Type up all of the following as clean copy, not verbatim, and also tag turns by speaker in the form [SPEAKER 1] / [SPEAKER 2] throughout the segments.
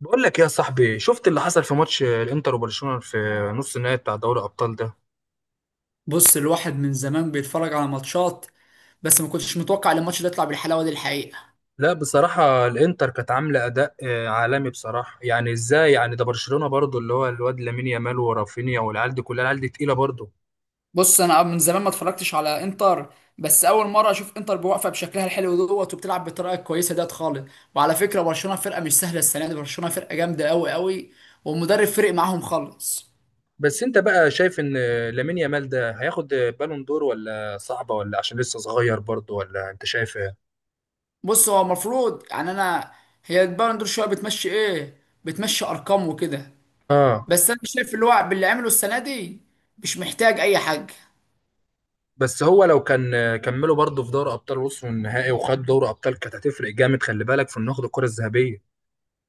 [SPEAKER 1] بقول لك يا صاحبي، شفت اللي حصل في ماتش الانتر وبرشلونة في نص النهائي بتاع دوري الابطال ده؟
[SPEAKER 2] بص، الواحد من زمان بيتفرج على ماتشات، بس ما كنتش متوقع ان الماتش ده يطلع بالحلاوه دي الحقيقه.
[SPEAKER 1] لا، بصراحة الانتر كانت عاملة اداء عالمي بصراحة. يعني ازاي؟ يعني ده برشلونة برضو، اللي هو الواد لامين يامال ورافينيا، والعيال دي كلها، العيال دي تقيلة برضو.
[SPEAKER 2] بص، انا من زمان ما اتفرجتش على انتر، بس اول مره اشوف انتر بواقفه بشكلها الحلو دوت وبتلعب بالطريقه الكويسه ديت خالص. وعلى فكره، برشلونه فرقه مش سهله السنه دي، برشلونه فرقه جامده قوي قوي. والمدرب فرق معاهم خالص.
[SPEAKER 1] بس انت بقى شايف ان لامين يامال ده هياخد بالون دور، ولا صعبة، ولا عشان لسه صغير برضو، ولا انت شايف ايه؟
[SPEAKER 2] بص، هو المفروض يعني انا هي البالون دور شويه بتمشي ايه؟ بتمشي ارقام وكده.
[SPEAKER 1] اه.
[SPEAKER 2] بس انا شايف اللي هو باللي عمله السنه دي مش محتاج اي حاجه.
[SPEAKER 1] بس هو لو كان كملوا برضو في دوري ابطال، وصلوا النهائي وخد دوري ابطال، كانت هتفرق جامد، خلي بالك في انه ياخد الكرة الذهبية.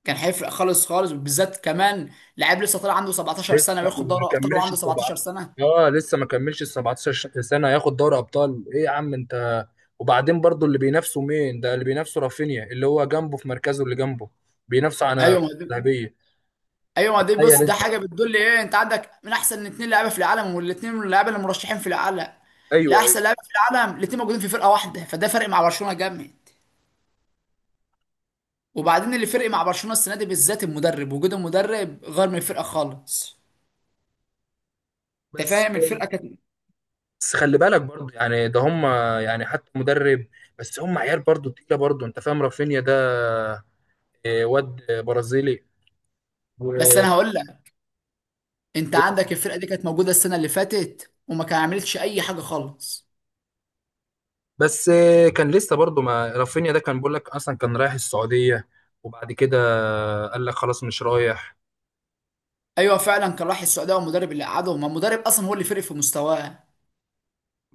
[SPEAKER 2] كان هيفرق خالص خالص، وبالذات كمان لعيب لسه طالع عنده 17
[SPEAKER 1] لسه
[SPEAKER 2] سنه وياخد دوري
[SPEAKER 1] ما
[SPEAKER 2] ابطال
[SPEAKER 1] كملش
[SPEAKER 2] وعنده
[SPEAKER 1] ال
[SPEAKER 2] 17 سنه.
[SPEAKER 1] 17. اه، لسه ما كملش ال 17 سنه، ياخد دوري ابطال؟ ايه يا عم انت! وبعدين برضو، اللي بينافسه مين؟ ده اللي بينافسه رافينيا، اللي هو جنبه في مركزه اللي جنبه، بينافسه على
[SPEAKER 2] ايوه ما
[SPEAKER 1] كرة
[SPEAKER 2] دي،
[SPEAKER 1] ذهبيه.
[SPEAKER 2] ايوه ما دي.
[SPEAKER 1] تخيل
[SPEAKER 2] بص، ده
[SPEAKER 1] انت
[SPEAKER 2] حاجه
[SPEAKER 1] بقى.
[SPEAKER 2] بتدل ايه؟ انت عندك من احسن اتنين لعيبه في العالم، والاثنين من اللعيبه اللي مرشحين في العالم
[SPEAKER 1] ايوه، ايوه.
[SPEAKER 2] لاحسن لعيبه في العالم، الاثنين موجودين في فرقه واحده، فده فرق مع برشلونه جامد. وبعدين اللي فرق مع برشلونه السنه دي بالذات المدرب، وجود المدرب غير من الفرقه خالص. انت
[SPEAKER 1] بس
[SPEAKER 2] فاهم الفرقه كانت.
[SPEAKER 1] بس خلي بالك برضو، يعني ده هم، يعني حتى مدرب، بس هم عيال برضو تقيله برضو. انت فاهم رافينيا ده؟ واد برازيلي.
[SPEAKER 2] بس انا هقول لك، انت عندك
[SPEAKER 1] و-
[SPEAKER 2] الفرقه دي كانت موجوده السنه اللي فاتت وما كان عملتش اي حاجه خالص.
[SPEAKER 1] بس، كان لسه برضه، ما رافينيا ده كان بيقول لك اصلا كان رايح السعوديه، وبعد كده قال لك خلاص مش رايح.
[SPEAKER 2] ايوه فعلا، كان راح السعوديه، والمدرب اللي قعده، ما المدرب اصلا هو اللي فرق في مستواه.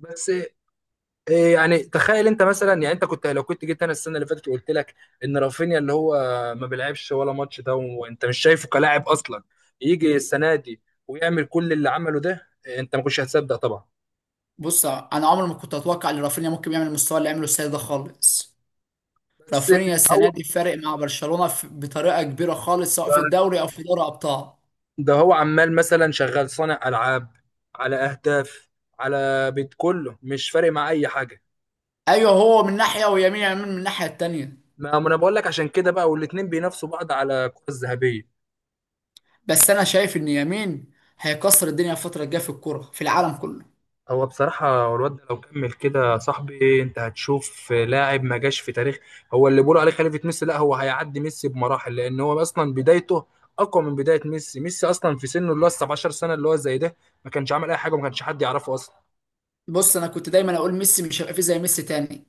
[SPEAKER 1] بس يعني تخيل انت مثلا، يعني انت كنت، لو كنت جيت انا السنه اللي فاتت وقلت لك ان رافينيا اللي هو ما بيلعبش ولا ماتش ده، وانت مش شايفه كلاعب اصلا، يجي السنه دي ويعمل كل اللي عمله ده، انت ما كنتش هتصدق طبعا.
[SPEAKER 2] بص، انا عمري ما كنت اتوقع ان رافينيا ممكن يعمل المستوى اللي عمله السنه ده خالص.
[SPEAKER 1] بس،
[SPEAKER 2] رافينيا السنه
[SPEAKER 1] هو
[SPEAKER 2] دي فارق مع برشلونه بطريقه كبيره خالص، سواء في الدوري او في دوري ابطال.
[SPEAKER 1] ده، هو عمال مثلا شغال صانع العاب، على اهداف، على بيت كله، مش فارق مع اي حاجه.
[SPEAKER 2] ايوه، هو من ناحيه ويمين يامين من الناحيه التانيه.
[SPEAKER 1] ما انا بقول لك، عشان كده بقى، والاتنين بينافسوا بعض على الكرة الذهبية.
[SPEAKER 2] بس انا شايف ان يمين هيكسر الدنيا الفتره الجايه في الكوره في العالم كله.
[SPEAKER 1] هو بصراحة، الواد ده لو كمل كده يا صاحبي، انت هتشوف لاعب ما جاش في تاريخ. هو اللي بيقولوا عليه خليفة ميسي، لا، هو هيعدي ميسي بمراحل، لان هو اصلا بدايته اقوى من بداية ميسي. ميسي اصلا في سنه اللي هو 17 سنة، اللي هو زي ده، ما كانش عامل اي حاجة، وما كانش حد يعرفه اصلا.
[SPEAKER 2] بص، انا كنت دايما اقول ميسي مش هيبقى فيه زي ميسي تاني.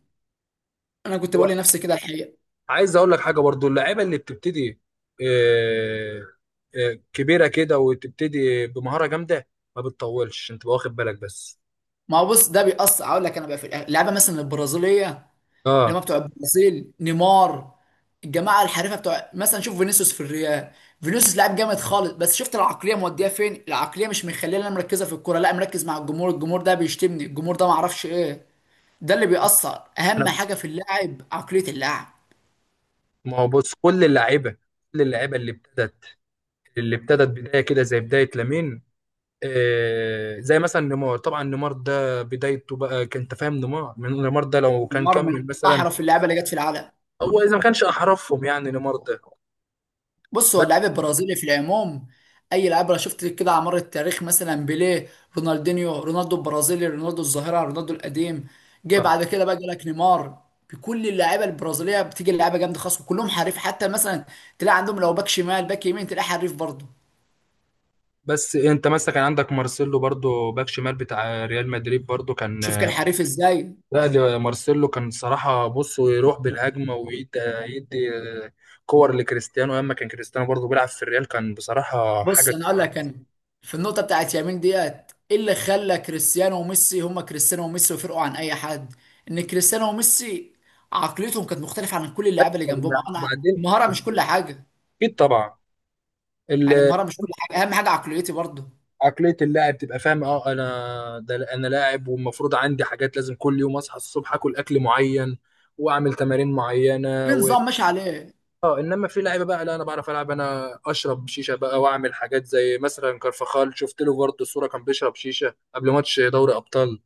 [SPEAKER 2] انا كنت
[SPEAKER 1] هو
[SPEAKER 2] بقول لنفسي كده الحقيقه.
[SPEAKER 1] عايز اقول لك حاجة برضو، اللعيبة اللي بتبتدي آه، كبيرة كده، وتبتدي بمهارة جامدة، ما بتطولش، انت واخد بالك؟ بس.
[SPEAKER 2] ما هو بص، ده بيأثر. اقول لك انا بقى في اللعبه مثلا البرازيليه،
[SPEAKER 1] اه،
[SPEAKER 2] الجماعه بتوع البرازيل، نيمار، الجماعه الحريفه بتوع، مثلا شوف فينيسيوس في الريال. فينيسيوس لاعب جامد خالص، بس شفت العقليه موديه فين؟ العقليه مش مخليه، انا مركزه في الكوره لا، مركز مع الجمهور، الجمهور ده بيشتمني، الجمهور ده ما اعرفش ايه. ده اللي بيأثر، اهم حاجه في اللاعب عقليه اللاعب.
[SPEAKER 1] ما هو بص. كل اللعيبه اللي ابتدت بدايه كده، زي بدايه لامين، زي مثلا نيمار. طبعا نيمار ده بدايته بقى كان، انت فاهم نيمار، من نيمار ده لو كان
[SPEAKER 2] نيمار من
[SPEAKER 1] كمل مثلا.
[SPEAKER 2] احرف اللعيبه اللي جت في العالم.
[SPEAKER 1] هو اذا ما كانش احرفهم يعني، نيمار ده.
[SPEAKER 2] بص، هو
[SPEAKER 1] بس
[SPEAKER 2] اللاعب البرازيلي في العموم، اي لاعب انا شفت كده على مر التاريخ مثلا، بيليه، رونالدينيو، رونالدو البرازيلي، رونالدو الظاهره، رونالدو القديم، جه بعد كده بقى جالك نيمار. بكل اللعيبه البرازيليه بتيجي اللعيبه جامده خالص، وكلهم حريف. حتى مثلا تلاقي عندهم لو باك شمال باك يمين تلاقي حريف برضه.
[SPEAKER 1] بس انت مثلا كان عندك مارسيلو، برضو باك شمال بتاع ريال مدريد، برضو كان.
[SPEAKER 2] شوف كان حريف ازاي.
[SPEAKER 1] لا، ده مارسيلو كان صراحه، بص ويروح بالهجمه، ويدي يدي آه، كور لكريستيانو. اما كان كريستيانو برضو بيلعب في الريال، كان بصراحه حاجه
[SPEAKER 2] بص، انا اقول لك،
[SPEAKER 1] كبيرة.
[SPEAKER 2] انا في النقطه بتاعت يمين ديت: ايه اللي خلى كريستيانو وميسي هما كريستيانو وميسي وفرقوا عن اي حد؟ ان كريستيانو وميسي عقليتهم كانت مختلفه عن كل اللعيبه اللي جنبهم. انا،
[SPEAKER 1] وبعدين،
[SPEAKER 2] المهاره مش كل حاجه،
[SPEAKER 1] اكيد طبعا.
[SPEAKER 2] يعني
[SPEAKER 1] ال-
[SPEAKER 2] المهاره مش كل حاجه، اهم حاجه عقليتي برضه،
[SPEAKER 1] عقليه اللاعب تبقى فاهم، اه انا ده انا لاعب، والمفروض عندي حاجات لازم، كل يوم اصحى الصبح اكل اكل معين، واعمل تمارين
[SPEAKER 2] في
[SPEAKER 1] معينه، و
[SPEAKER 2] نظام ماشي عليه.
[SPEAKER 1] اه، انما في لعيبه بقى، لا انا بعرف العب، انا اشرب شيشه بقى، واعمل حاجات، زي مثلا كارفخال، شفت له برضه صوره كان بيشرب شيشه قبل ماتش دوري ابطال.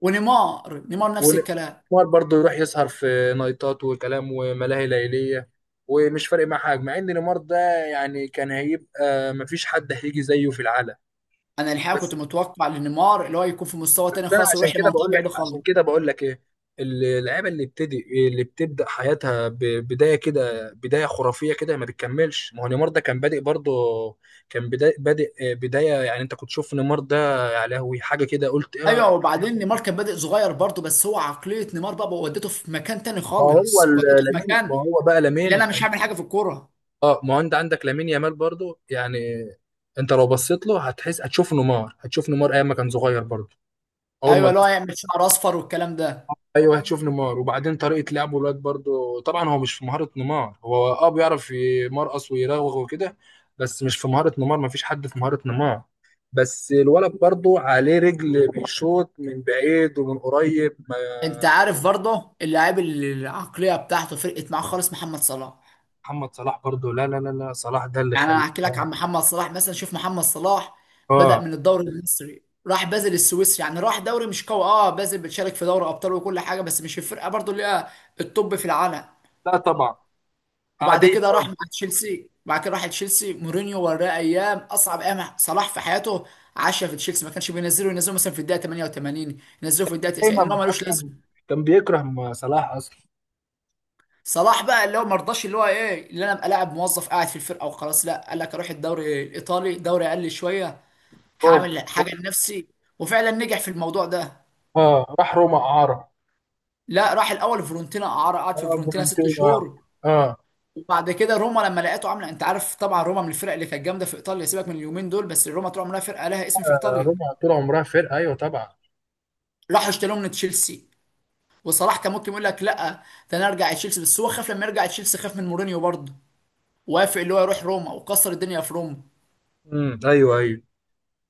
[SPEAKER 2] ونيمار نيمار نفس الكلام.
[SPEAKER 1] ونمار برضه يروح يسهر في نايتات وكلام وملاهي ليلية، ومش فارق معاه حاجة، مع ان نيمار ده يعني كان هيبقى مفيش حد هيجي زيه في العالم.
[SPEAKER 2] انا الحقيقه كنت
[SPEAKER 1] بس
[SPEAKER 2] متوقع لنيمار اللي هو يكون في مستوى تاني
[SPEAKER 1] بس انا،
[SPEAKER 2] خالص
[SPEAKER 1] عشان
[SPEAKER 2] ويروح
[SPEAKER 1] كده
[SPEAKER 2] لمنطقه
[SPEAKER 1] بقول لك
[SPEAKER 2] بعيده
[SPEAKER 1] عشان
[SPEAKER 2] خالص.
[SPEAKER 1] كده بقول لك ايه. اللعيبه اللي بتبدا حياتها ببدايه كده، بدايه خرافيه كده، ما بتكملش. ما هو نيمار ده كان بادئ برضه، كان بدا بادئ بدايه، يعني انت كنت تشوف نيمار ده، يا لهوي حاجه كده، قلت ايه
[SPEAKER 2] ايوه، وبعدين نيمار كان بادئ صغير برضه، بس هو عقليه نيمار بقى ودته في مكان تاني خالص، ودته في
[SPEAKER 1] ما
[SPEAKER 2] مكان
[SPEAKER 1] هو بقى
[SPEAKER 2] اللي انا
[SPEAKER 1] لامين.
[SPEAKER 2] مش هعمل حاجه في الكوره.
[SPEAKER 1] اه، ما هو انت عندك لامين يامال برضو. يعني انت لو بصيت له، هتحس، هتشوف نيمار ايام ما كان صغير برضو، اول
[SPEAKER 2] ايوه،
[SPEAKER 1] ما
[SPEAKER 2] اللي هو
[SPEAKER 1] تبص-
[SPEAKER 2] يعمل شعر اصفر والكلام ده.
[SPEAKER 1] ايوه، هتشوف نيمار. وبعدين، طريقه لعبه الواد برضو طبعا هو مش في مهاره نيمار، هو بيعرف يمرقص ويراوغ وكده، بس مش في مهاره نيمار، ما فيش حد في مهاره نيمار. بس الولد برضو عليه رجل، بيشوط من بعيد ومن قريب،
[SPEAKER 2] انت عارف برضه اللاعب اللي العقليه بتاعته فرقت معاه خالص؟ محمد صلاح.
[SPEAKER 1] محمد صلاح برضو. لا لا لا لا، صلاح ده اللي
[SPEAKER 2] يعني انا
[SPEAKER 1] خلاه.
[SPEAKER 2] هحكي لك عن محمد صلاح، مثلا شوف محمد صلاح بدأ
[SPEAKER 1] اه،
[SPEAKER 2] من الدوري المصري، راح بازل السويسري، يعني راح دوري مش قوي. اه، بازل بتشارك في دوري ابطال وكل حاجه، بس مش الفرقه برضه اللي هي التوب في العالم.
[SPEAKER 1] لا طبعا
[SPEAKER 2] وبعد
[SPEAKER 1] عاديه.
[SPEAKER 2] كده راح مع تشيلسي، بعد كده راح تشيلسي، مورينيو وراه ايام، اصعب ايام صلاح في حياته عاشها في تشيلسي، ما كانش بينزله، ينزله مثلا في الدقيقه 88، ينزله في الدقيقه 90 اللي
[SPEAKER 1] دايما
[SPEAKER 2] هو ملوش
[SPEAKER 1] اصلا
[SPEAKER 2] لازمه.
[SPEAKER 1] كان بيكره صلاح اصلا.
[SPEAKER 2] صلاح بقى اللي هو ما رضاش، اللي هو ايه، اللي انا ابقى لاعب موظف قاعد في الفرقه وخلاص؟ لا، قال لك اروح الدوري الايطالي، دوري اقل شويه،
[SPEAKER 1] روما،
[SPEAKER 2] هعمل حاجه لنفسي. وفعلا نجح في الموضوع ده.
[SPEAKER 1] اه، راح روما اعاره،
[SPEAKER 2] لا، راح الاول فيورنتينا اعاره، قعد في
[SPEAKER 1] اه
[SPEAKER 2] فيورنتينا ست
[SPEAKER 1] فيورنتينا،
[SPEAKER 2] شهور
[SPEAKER 1] اه،
[SPEAKER 2] وبعد كده روما لما لقيته عامله، انت عارف طبعا روما من الفرق اللي كانت جامده في ايطاليا، سيبك من اليومين دول، بس روما طول عمرها فرقه لها اسم في ايطاليا.
[SPEAKER 1] روما طول عمرها فرقه، ايوه طبعا،
[SPEAKER 2] راحوا اشتروه من تشيلسي. وصلاح كان ممكن يقول لك لا، ده انا ارجع تشيلسي، بس هو خاف لما يرجع تشيلسي، خاف من مورينيو برضه. وافق اللي هو يروح روما وكسر الدنيا في روما.
[SPEAKER 1] امم، ايوه ايوه.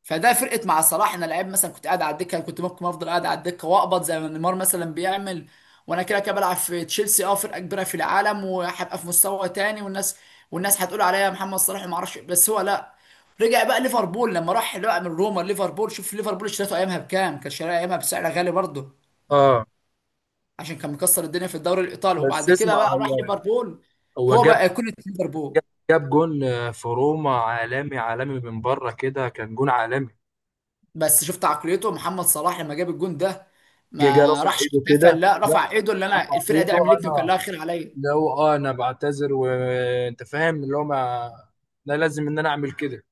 [SPEAKER 2] فده فرقت مع صلاح، انا لعيب مثلا كنت قاعد على الدكه، أنا كنت ممكن افضل قاعد على الدكه واقبض زي ما نيمار مثلا بيعمل. وانا كده كده بلعب في تشيلسي، اه فرقه كبيره في العالم، وهبقى في مستوى تاني، والناس هتقول عليا محمد صلاح ما اعرفش إيه. بس هو لا، رجع بقى ليفربول. لما راح بقى من روما ليفربول، شوف ليفربول اشتريته ايامها بكام، كان شاريها ايامها بسعر غالي برضه،
[SPEAKER 1] اه،
[SPEAKER 2] عشان كان مكسر الدنيا في الدوري الايطالي.
[SPEAKER 1] بس
[SPEAKER 2] وبعد كده
[SPEAKER 1] اسمع،
[SPEAKER 2] بقى راح
[SPEAKER 1] هو
[SPEAKER 2] ليفربول،
[SPEAKER 1] هو
[SPEAKER 2] هو بقى كل ليفربول.
[SPEAKER 1] جاب جاب جون في روما، عالمي عالمي من بره كده، كان جون عالمي.
[SPEAKER 2] بس شفت عقليته محمد صلاح لما جاب الجون ده؟
[SPEAKER 1] جه
[SPEAKER 2] ما
[SPEAKER 1] رفع
[SPEAKER 2] راحش
[SPEAKER 1] ايده
[SPEAKER 2] احتفل،
[SPEAKER 1] كده،
[SPEAKER 2] لا،
[SPEAKER 1] لا،
[SPEAKER 2] رفع ايده اللي انا
[SPEAKER 1] رفع
[SPEAKER 2] الفرقه دي
[SPEAKER 1] ايده.
[SPEAKER 2] عملتني وكان
[SPEAKER 1] انا
[SPEAKER 2] لها خير عليا.
[SPEAKER 1] اللي هو، انا بعتذر، وانت فاهم اللي هو، ما انا لازم ان انا اعمل كده.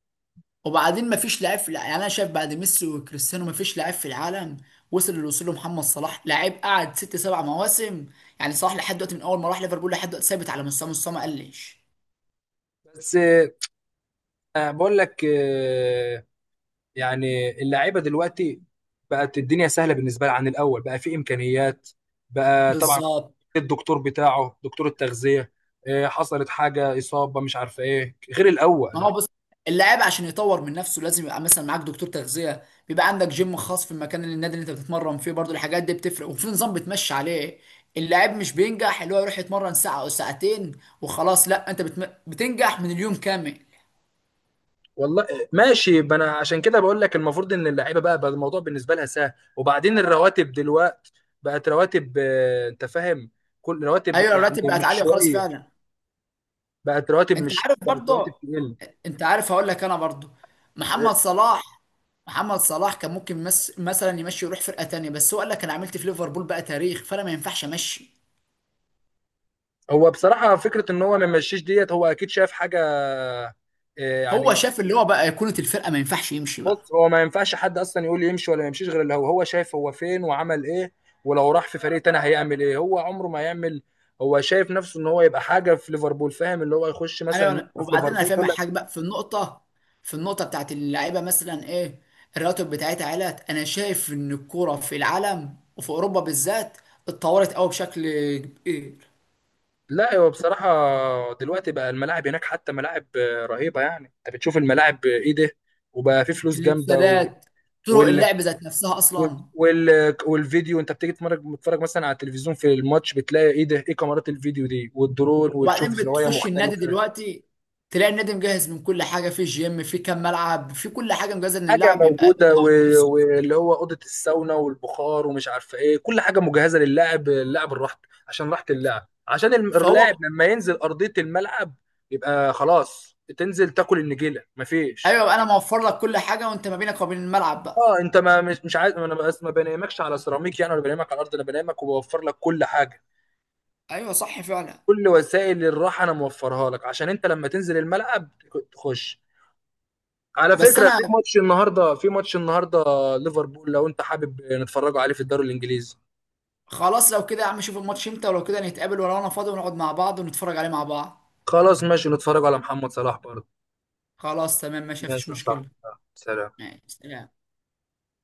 [SPEAKER 2] وبعدين ما فيش لاعب يعني انا شايف بعد ميسي وكريستيانو ما فيش لاعب في العالم وصل اللي وصل له محمد صلاح، لاعب قعد 6 7 مواسم. يعني صلاح لحد دلوقتي من اول ما راح ليفربول لحد دلوقتي ثابت على مستوى، مستوى ما قلش.
[SPEAKER 1] بس، بقول لك يعني اللعيبه دلوقتي بقت الدنيا سهله بالنسبه لها عن الاول. بقى في امكانيات، بقى طبعا
[SPEAKER 2] بالظبط.
[SPEAKER 1] الدكتور بتاعه، دكتور التغذيه، إيه، حصلت حاجه اصابه مش عارفه ايه، غير
[SPEAKER 2] ما
[SPEAKER 1] الاول.
[SPEAKER 2] هو بص، اللاعب عشان يطور من نفسه لازم يبقى مثلا معاك دكتور تغذيه، بيبقى عندك جيم خاص في المكان اللي النادي اللي انت بتتمرن فيه برضو. الحاجات دي بتفرق، وفي نظام بتمشي عليه. اللاعب مش بينجح اللي هو يروح يتمرن ساعه او ساعتين وخلاص، لا، انت بتنجح من اليوم كامل.
[SPEAKER 1] والله، ماشي. ما انا عشان كده بقول لك، المفروض ان اللعيبه بقى الموضوع بالنسبه لها سهل. وبعدين الرواتب دلوقتي بقت رواتب، انت فاهم، كل رواتب،
[SPEAKER 2] ايوه،
[SPEAKER 1] يعني
[SPEAKER 2] الراتب بقت
[SPEAKER 1] مش
[SPEAKER 2] عاليه وخلاص
[SPEAKER 1] شويه.
[SPEAKER 2] فعلا.
[SPEAKER 1] بقت رواتب،
[SPEAKER 2] انت
[SPEAKER 1] مش
[SPEAKER 2] عارف
[SPEAKER 1] بقت رواتب
[SPEAKER 2] برضو،
[SPEAKER 1] تقل.
[SPEAKER 2] انت عارف هقول لك انا برضو،
[SPEAKER 1] آه،
[SPEAKER 2] محمد صلاح، محمد صلاح كان ممكن مثلا يمشي يروح فرقه تانيه، بس هو قال لك انا عملت في ليفربول بقى تاريخ، فانا ما ينفعش امشي.
[SPEAKER 1] هو بصراحه فكره ان هو ما يمشيش ديت، هو اكيد شاف حاجه. آه،
[SPEAKER 2] هو
[SPEAKER 1] يعني،
[SPEAKER 2] شاف اللي هو بقى ايقونه الفرقه، ما ينفعش يمشي بقى.
[SPEAKER 1] بص هو ما ينفعش حد اصلا يقول لي يمشي ولا ما يمشيش، غير اللي هو، هو شايف هو فين وعمل ايه، ولو راح في فريق تاني هيعمل ايه، هو عمره ما يعمل. هو شايف نفسه ان هو يبقى حاجه في ليفربول، فاهم اللي هو يخش
[SPEAKER 2] انا
[SPEAKER 1] مثلا
[SPEAKER 2] يعني،
[SPEAKER 1] ملعب في
[SPEAKER 2] وبعدين انا
[SPEAKER 1] ليفربول
[SPEAKER 2] فاهم
[SPEAKER 1] يقول لك.
[SPEAKER 2] حاجه بقى في النقطه بتاعت اللعيبه مثلا ايه: الراتب بتاعتها علت، انا شايف ان الكوره في العالم وفي اوروبا بالذات اتطورت قوي بشكل كبير.
[SPEAKER 1] لا، هو بصراحه دلوقتي بقى الملاعب هناك حتى ملاعب رهيبه، يعني انت بتشوف الملاعب ايه ده! وبقى في فلوس جامده
[SPEAKER 2] السادات، طرق
[SPEAKER 1] وال...
[SPEAKER 2] اللعب ذات نفسها اصلا.
[SPEAKER 1] والفيديو، انت بتيجي تتفرج مثلا على التلفزيون في الماتش، بتلاقي ايه ده، ايه كاميرات الفيديو دي والدرون، وتشوف
[SPEAKER 2] وبعدين
[SPEAKER 1] زوايا
[SPEAKER 2] بتخش النادي
[SPEAKER 1] مختلفه.
[SPEAKER 2] دلوقتي تلاقي النادي مجهز من كل حاجه، في جيم، في كام ملعب، في كل حاجه مجهزه ان
[SPEAKER 1] حاجه
[SPEAKER 2] اللاعب يبقى
[SPEAKER 1] موجوده،
[SPEAKER 2] يطور نفسه.
[SPEAKER 1] واللي هو اوضه الساونا والبخار ومش عارفه ايه، كل حاجه مجهزه للاعب، اللاعب الراحه، عشان راحه اللاعب، عشان اللاعب
[SPEAKER 2] فهو،
[SPEAKER 1] لما ينزل ارضيه الملعب، يبقى خلاص، تنزل تاكل النجيله، مفيش.
[SPEAKER 2] ايوه انا موفر لك كل حاجه، وانت ما بينك وبين الملعب بقى.
[SPEAKER 1] اه، انت ما مش عايز. انا بس ما بنامكش على سيراميك يعني، ولا بنامك على الارض، انا بنامك وبوفر لك كل حاجه،
[SPEAKER 2] ايوه صح فعلا.
[SPEAKER 1] كل وسائل الراحه انا موفرها لك، عشان انت لما تنزل الملعب تخش. على
[SPEAKER 2] بس
[SPEAKER 1] فكره، في
[SPEAKER 2] انا،
[SPEAKER 1] ماتش النهارده في ماتش النهارده ليفربول، لو انت حابب نتفرجوا عليه في الدوري الانجليزي.
[SPEAKER 2] خلاص لو كده يا عم شوف الماتش امتى، ولو كده نتقابل ولو انا فاضي ونقعد مع بعض ونتفرج عليه مع بعض.
[SPEAKER 1] خلاص ماشي، نتفرج على محمد صلاح برضه.
[SPEAKER 2] خلاص تمام ماشي، مفيش
[SPEAKER 1] ماشي، صح.
[SPEAKER 2] مشكلة.
[SPEAKER 1] سلام.
[SPEAKER 2] ماشي، سلام.